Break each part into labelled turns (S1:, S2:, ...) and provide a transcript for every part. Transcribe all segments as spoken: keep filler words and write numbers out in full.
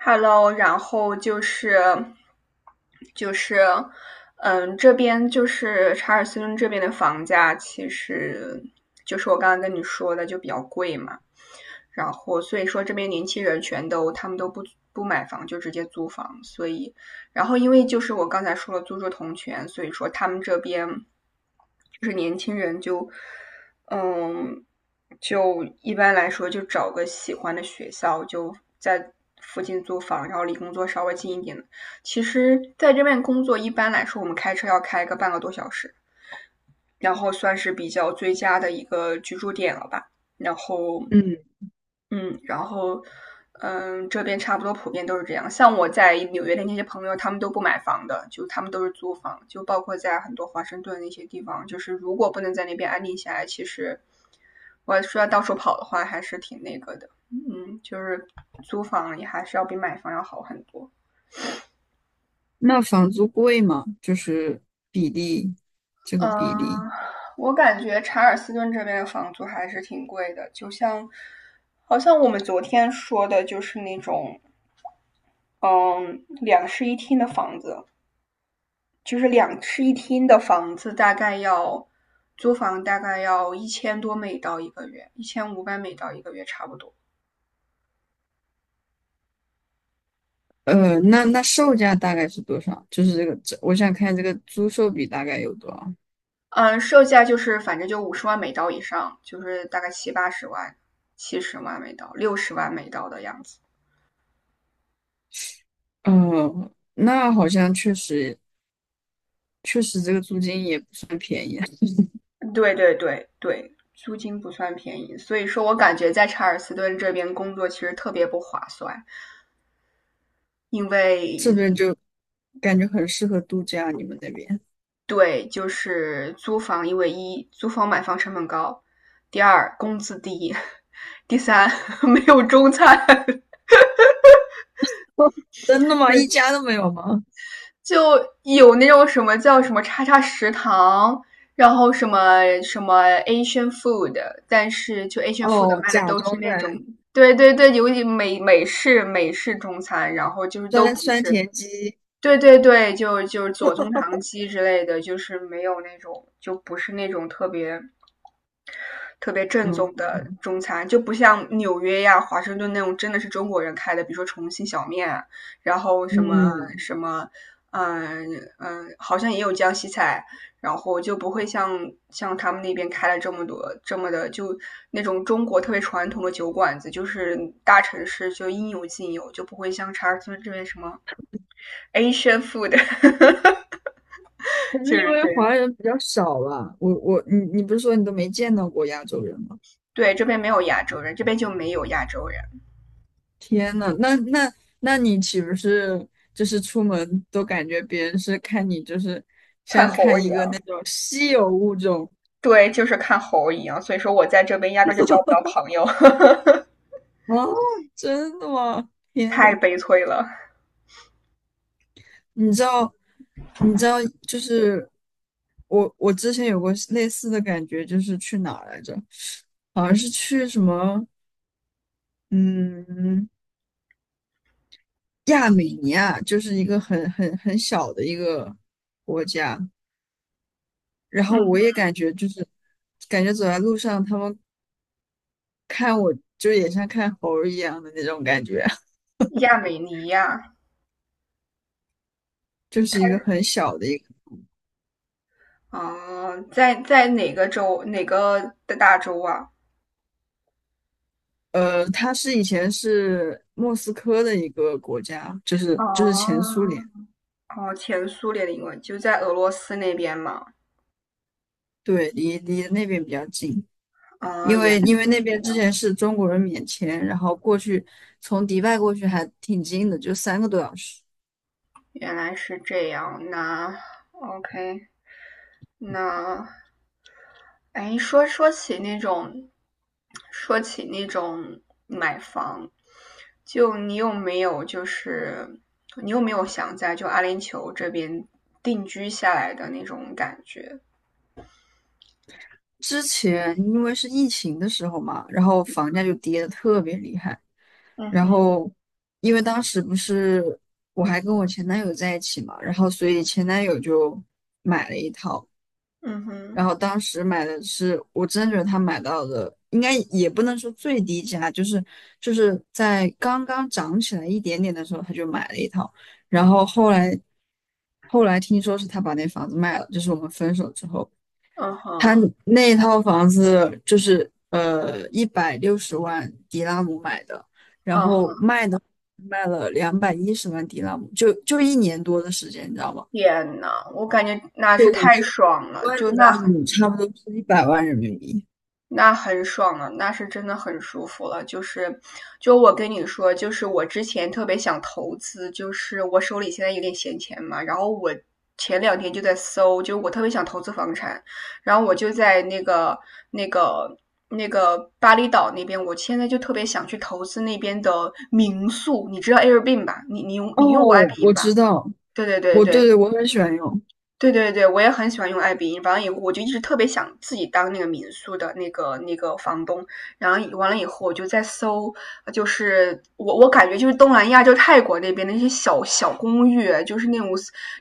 S1: Hello，然后就是就是嗯，这边就是查尔斯顿这边的房价，其实就是我刚刚跟你说的就比较贵嘛。然后所以说这边年轻人全都他们都不不买房，就直接租房，所以然后因为就是我刚才说了租住同权，所以说他们这边就是年轻人就嗯就一般来说就找个喜欢的学校就在附近租房，然后离工作稍微近一点的。其实，在这边工作一般来说，我们开车要开个半个多小时，然后算是比较最佳的一个居住点了吧。然后
S2: 嗯，
S1: 嗯，然后，嗯，这边差不多普遍都是这样。像我在纽约的那些朋友，他们都不买房的，就他们都是租房，就包括在很多华盛顿那些地方，就是如果不能在那边安定下来，其实我需要到处跑的话，还是挺那个的。嗯，就是租房也还是要比买房要好很多。
S2: 那房租贵吗？就是比例，这个比例，
S1: 嗯，我感觉查尔斯顿这边的房租还是挺贵的，就像好像我们昨天说的，就是那种嗯两室一厅的房子，就是两室一厅的房子，大概要租房大概要一千多美刀一个月，一千五百美刀一个月差不多。
S2: 呃，那那售价大概是多少？就是这个，这我想看这个租售比大概有多少？
S1: 嗯，售价就是反正就五十万美刀以上，就是大概七八十万、七十万美刀、六十万美刀的样子。
S2: 呃，那好像确实确实这个租金也不算便宜，
S1: 对对对对，租金不算便宜，所以说我感觉在查尔斯顿这边工作其实特别不划算，因
S2: 这
S1: 为
S2: 边感觉很适合度假，你们那边？
S1: 对，就是租房，因为一租房买房成本高，第二工资低，第三 没有中餐，
S2: 真的吗？一家都没有吗？
S1: 就有那种什么叫什么叉叉食堂，然后什么什么 Asian food，但是就 Asian food
S2: 哦，
S1: 卖的
S2: 假
S1: 都
S2: 装
S1: 是那种，
S2: 的
S1: 对对对，有一美美式美式中餐，然后就是都
S2: 酸
S1: 不
S2: 酸
S1: 是。
S2: 甜鸡，
S1: 对对对，就就是左宗棠鸡之类的，就是没有那种，就不是那种特别特别正宗的
S2: 嗯
S1: 中餐，就不像纽约呀、华盛顿那种真的是中国人开的，比如说重庆小面啊，然后什么
S2: 嗯，
S1: 什么，嗯嗯，好像也有江西菜，然后就不会像像他们那边开了这么多这么的，就那种中国特别传统的酒馆子，就是大城市就应有尽有，就不会像查尔斯这边什么 Asian food，
S2: 可 是
S1: 就
S2: 因
S1: 是
S2: 为
S1: 这样。
S2: 华人比较少吧，我我你你不是说你都没见到过亚洲人吗？
S1: 对，这边没有亚洲人，这边就没有亚洲人，
S2: 天呐，那那那你岂不是就是出门都感觉别人是看你就是
S1: 看
S2: 像
S1: 猴
S2: 看
S1: 一
S2: 一个那
S1: 样。
S2: 种稀有物种
S1: 对，就是看猴一样，所以说我在这边压根儿就交不到朋友，
S2: 啊？真的吗？天
S1: 太
S2: 呐，
S1: 悲催了。
S2: 你知道你知道就是我我之前有过类似的感觉，就是去哪儿来着？好像是去什么嗯。亚美尼亚就是一个很很很小的一个国家，然后我
S1: 嗯，
S2: 也感觉就是感觉走在路上，他们看我就也像看猴儿一样的那种感觉，
S1: 亚美尼亚，
S2: 就是
S1: 它
S2: 一个很小的一个
S1: 哦，呃在在哪个州？哪个的大洲啊？
S2: 呃，它是以前是莫斯科的一个国家，就是就是前苏
S1: 哦
S2: 联，
S1: 哦，前苏联的英文就在俄罗斯那边嘛。
S2: 对，离离那边比较近，
S1: 啊、
S2: 因
S1: 原
S2: 为
S1: 来
S2: 因为
S1: 是
S2: 那
S1: 这
S2: 边之
S1: 样
S2: 前是中国人免签，然后过去从迪拜过去还挺近的，就三个多小时。
S1: 原来是这样，那 OK，那，哎，说说起那种，说起那种买房，就你有没有就是你有没有想在就阿联酋这边定居下来的那种感觉？
S2: 之前因为是疫情的时候嘛，然后房价就跌得特别厉害。
S1: 嗯
S2: 然
S1: 哼，
S2: 后因为当时不是我还跟我前男友在一起嘛，然后所以前男友就买了一套。
S1: 嗯
S2: 然
S1: 哼，
S2: 后当时买的是，我真的觉得他买到的应该也不能说最低价，就是就是在刚刚涨起来一点点的时候他就买了一套。然后后来后来听说是他把那房子卖了，就是我们分手之后。
S1: 嗯哼，
S2: 他那套房子就是呃一百六十万迪拉姆买的，然
S1: 嗯
S2: 后
S1: 哼，
S2: 卖的卖了两百一十万迪拉姆，就就一年多的时间，你知道吗？
S1: 天呐，我感觉那是太爽
S2: 一
S1: 了，
S2: 万
S1: 就
S2: 迪
S1: 那
S2: 拉
S1: 很。
S2: 姆差不多是一百万人民币。
S1: 那很爽了，那是真的很舒服了。就是，就我跟你说，就是我之前特别想投资，就是我手里现在有点闲钱嘛，然后我前两天就在搜，就我特别想投资房产，然后我就在那个那个那个巴厘岛那边，我现在就特别想去投资那边的民宿，你知道 Airbnb 吧？你你用你用过
S2: 哦，
S1: Airbnb
S2: 我
S1: 吧？
S2: 知道，
S1: 对对对
S2: 我对
S1: 对，
S2: 对，我很喜欢用，
S1: 对对对，我也很喜欢用爱彼迎。完了以后，我就一直特别想自己当那个民宿的那个那个房东。然后以完了以后，我就在搜，就是我我感觉就是东南亚，就是泰国那边的那些小小公寓，就是那种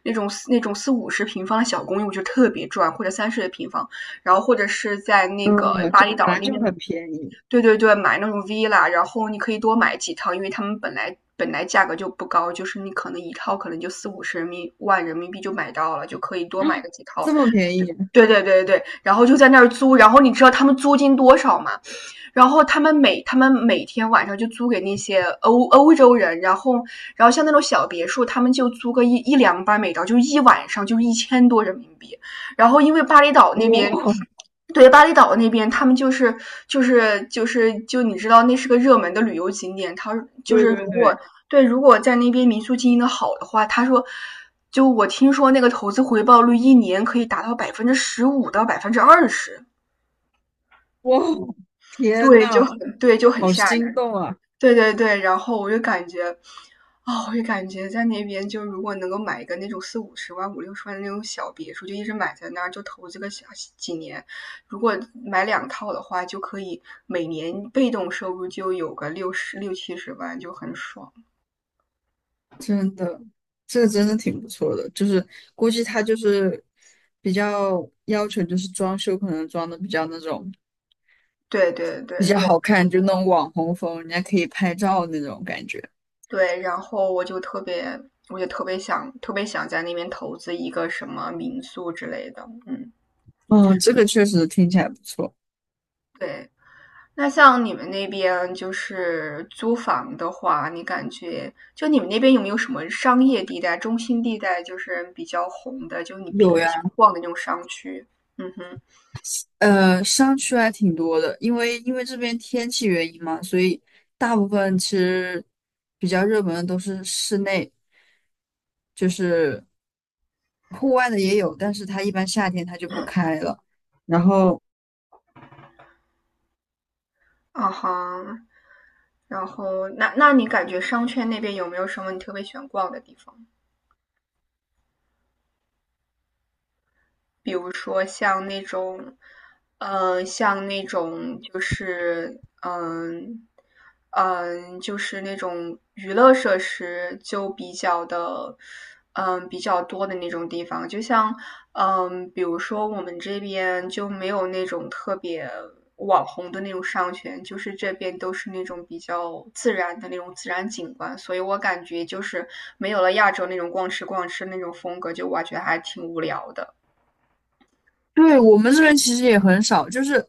S1: 那种那种四五十平方的小公寓，我就特别赚，或者三十的平方。然后或者是在那个
S2: 嗯，
S1: 巴
S2: 就
S1: 厘
S2: 本
S1: 岛
S2: 来
S1: 那
S2: 就
S1: 边
S2: 很便宜，
S1: 对对对，买那种 villa，然后你可以多买几套，因为他们本来本来价格就不高，就是你可能一套可能就四五十人民万人民币就买到了，就可以多买个几 套。
S2: 这么便宜，
S1: 对对对对，然后就在那儿租，然后你知道他们租金多少吗？然后他们每他们每天晚上就租给那些欧欧洲人，然后然后像那种小别墅，他们就租个一一两百美刀，就一晚上就一千多人民币。然后因为巴厘岛那边
S2: 哇，
S1: 对，巴厘岛那边，他们就是就是就是就你知道，那是个热门的旅游景点。他就
S2: 对
S1: 是如
S2: 对
S1: 果
S2: 对，
S1: 对，如果在那边民宿经营的好的话，他说，就我听说那个投资回报率一年可以达到百分之十五到百分之二十，
S2: 哇，天
S1: 对，就
S2: 呐，
S1: 很对，就很
S2: 好
S1: 吓
S2: 心
S1: 人。
S2: 动啊！
S1: 对对对，然后我就感觉，哦，我就感觉在那边，就如果能够买一个那种四五十万、五六十万的那种小别墅，就一直买在那儿，就投资个小几年。如果买两套的话，就可以每年被动收入就有个六十六七十万，就很爽。
S2: 真的，这个真的挺不错的，就是估计他就是比较要求，就是装修可能装的比较那种
S1: 对对对
S2: 比较好看，就那种网红风，人家可以拍照那种感觉。
S1: 对，然后我就特别，我就特别想，特别想在那边投资一个什么民宿之类的。嗯，
S2: 嗯，这个确实听起来不错。
S1: 对。那像你们那边就是租房的话，你感觉就你们那边有没有什么商业地带、中心地带，就是比较红的，就你平
S2: 有
S1: 时喜
S2: 呀，
S1: 欢逛的那种商区？嗯哼，
S2: 呃，商区还挺多的，因为因为这边天气原因嘛，所以大部分其实比较热门的都是室内，就是户外的也有，但是它一般夏天它就不开了。然后
S1: 啊哈，然后那那你感觉商圈那边有没有什么你特别喜欢逛的地方？比如说像那种，嗯，像那种就是，嗯嗯，就是那种娱乐设施就比较的，嗯，比较多的那种地方。就像，嗯，比如说我们这边就没有那种特别网红的那种商圈，就是这边都是那种比较自然的那种自然景观，所以我感觉就是没有了亚洲那种逛吃逛吃那种风格，就我觉得还挺无聊的。
S2: 对，我们这边其实也很少，就是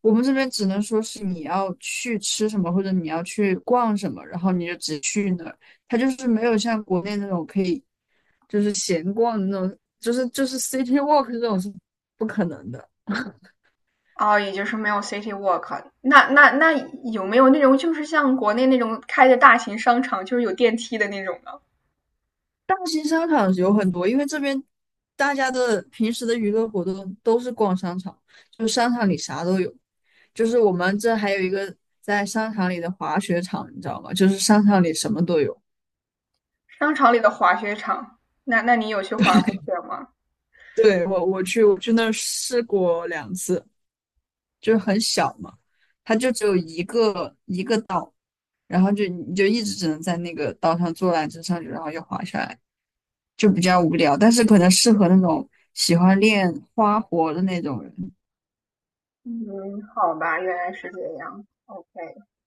S2: 我们这边只能说是你要去吃什么，或者你要去逛什么，然后你就只去那儿。它就是没有像国内那种可以就是闲逛的那种，就是就是 city walk 这种是不可能的。
S1: 哦，也就是没有 City Walk。那那那有没有那种就是像国内那种开的大型商场，就是有电梯的那种呢？
S2: 大型商场有很多，因为这边大家的平时的娱乐活动都是逛商场，就是商场里啥都有。就是我们这还有一个在商场里的滑雪场，你知道吗？就是商场里什么都有。
S1: 商场里的滑雪场，那那你有去滑过雪吗？
S2: 对，我我去我去那儿试过两次，就是很小嘛，它就只有一个一个岛，然后就你就一直只能在那个岛上坐缆车上去，然后又滑下来，就比较无聊。但是可能适合那种喜欢练花活的那种人。
S1: 嗯，好吧，原来是这样。OK。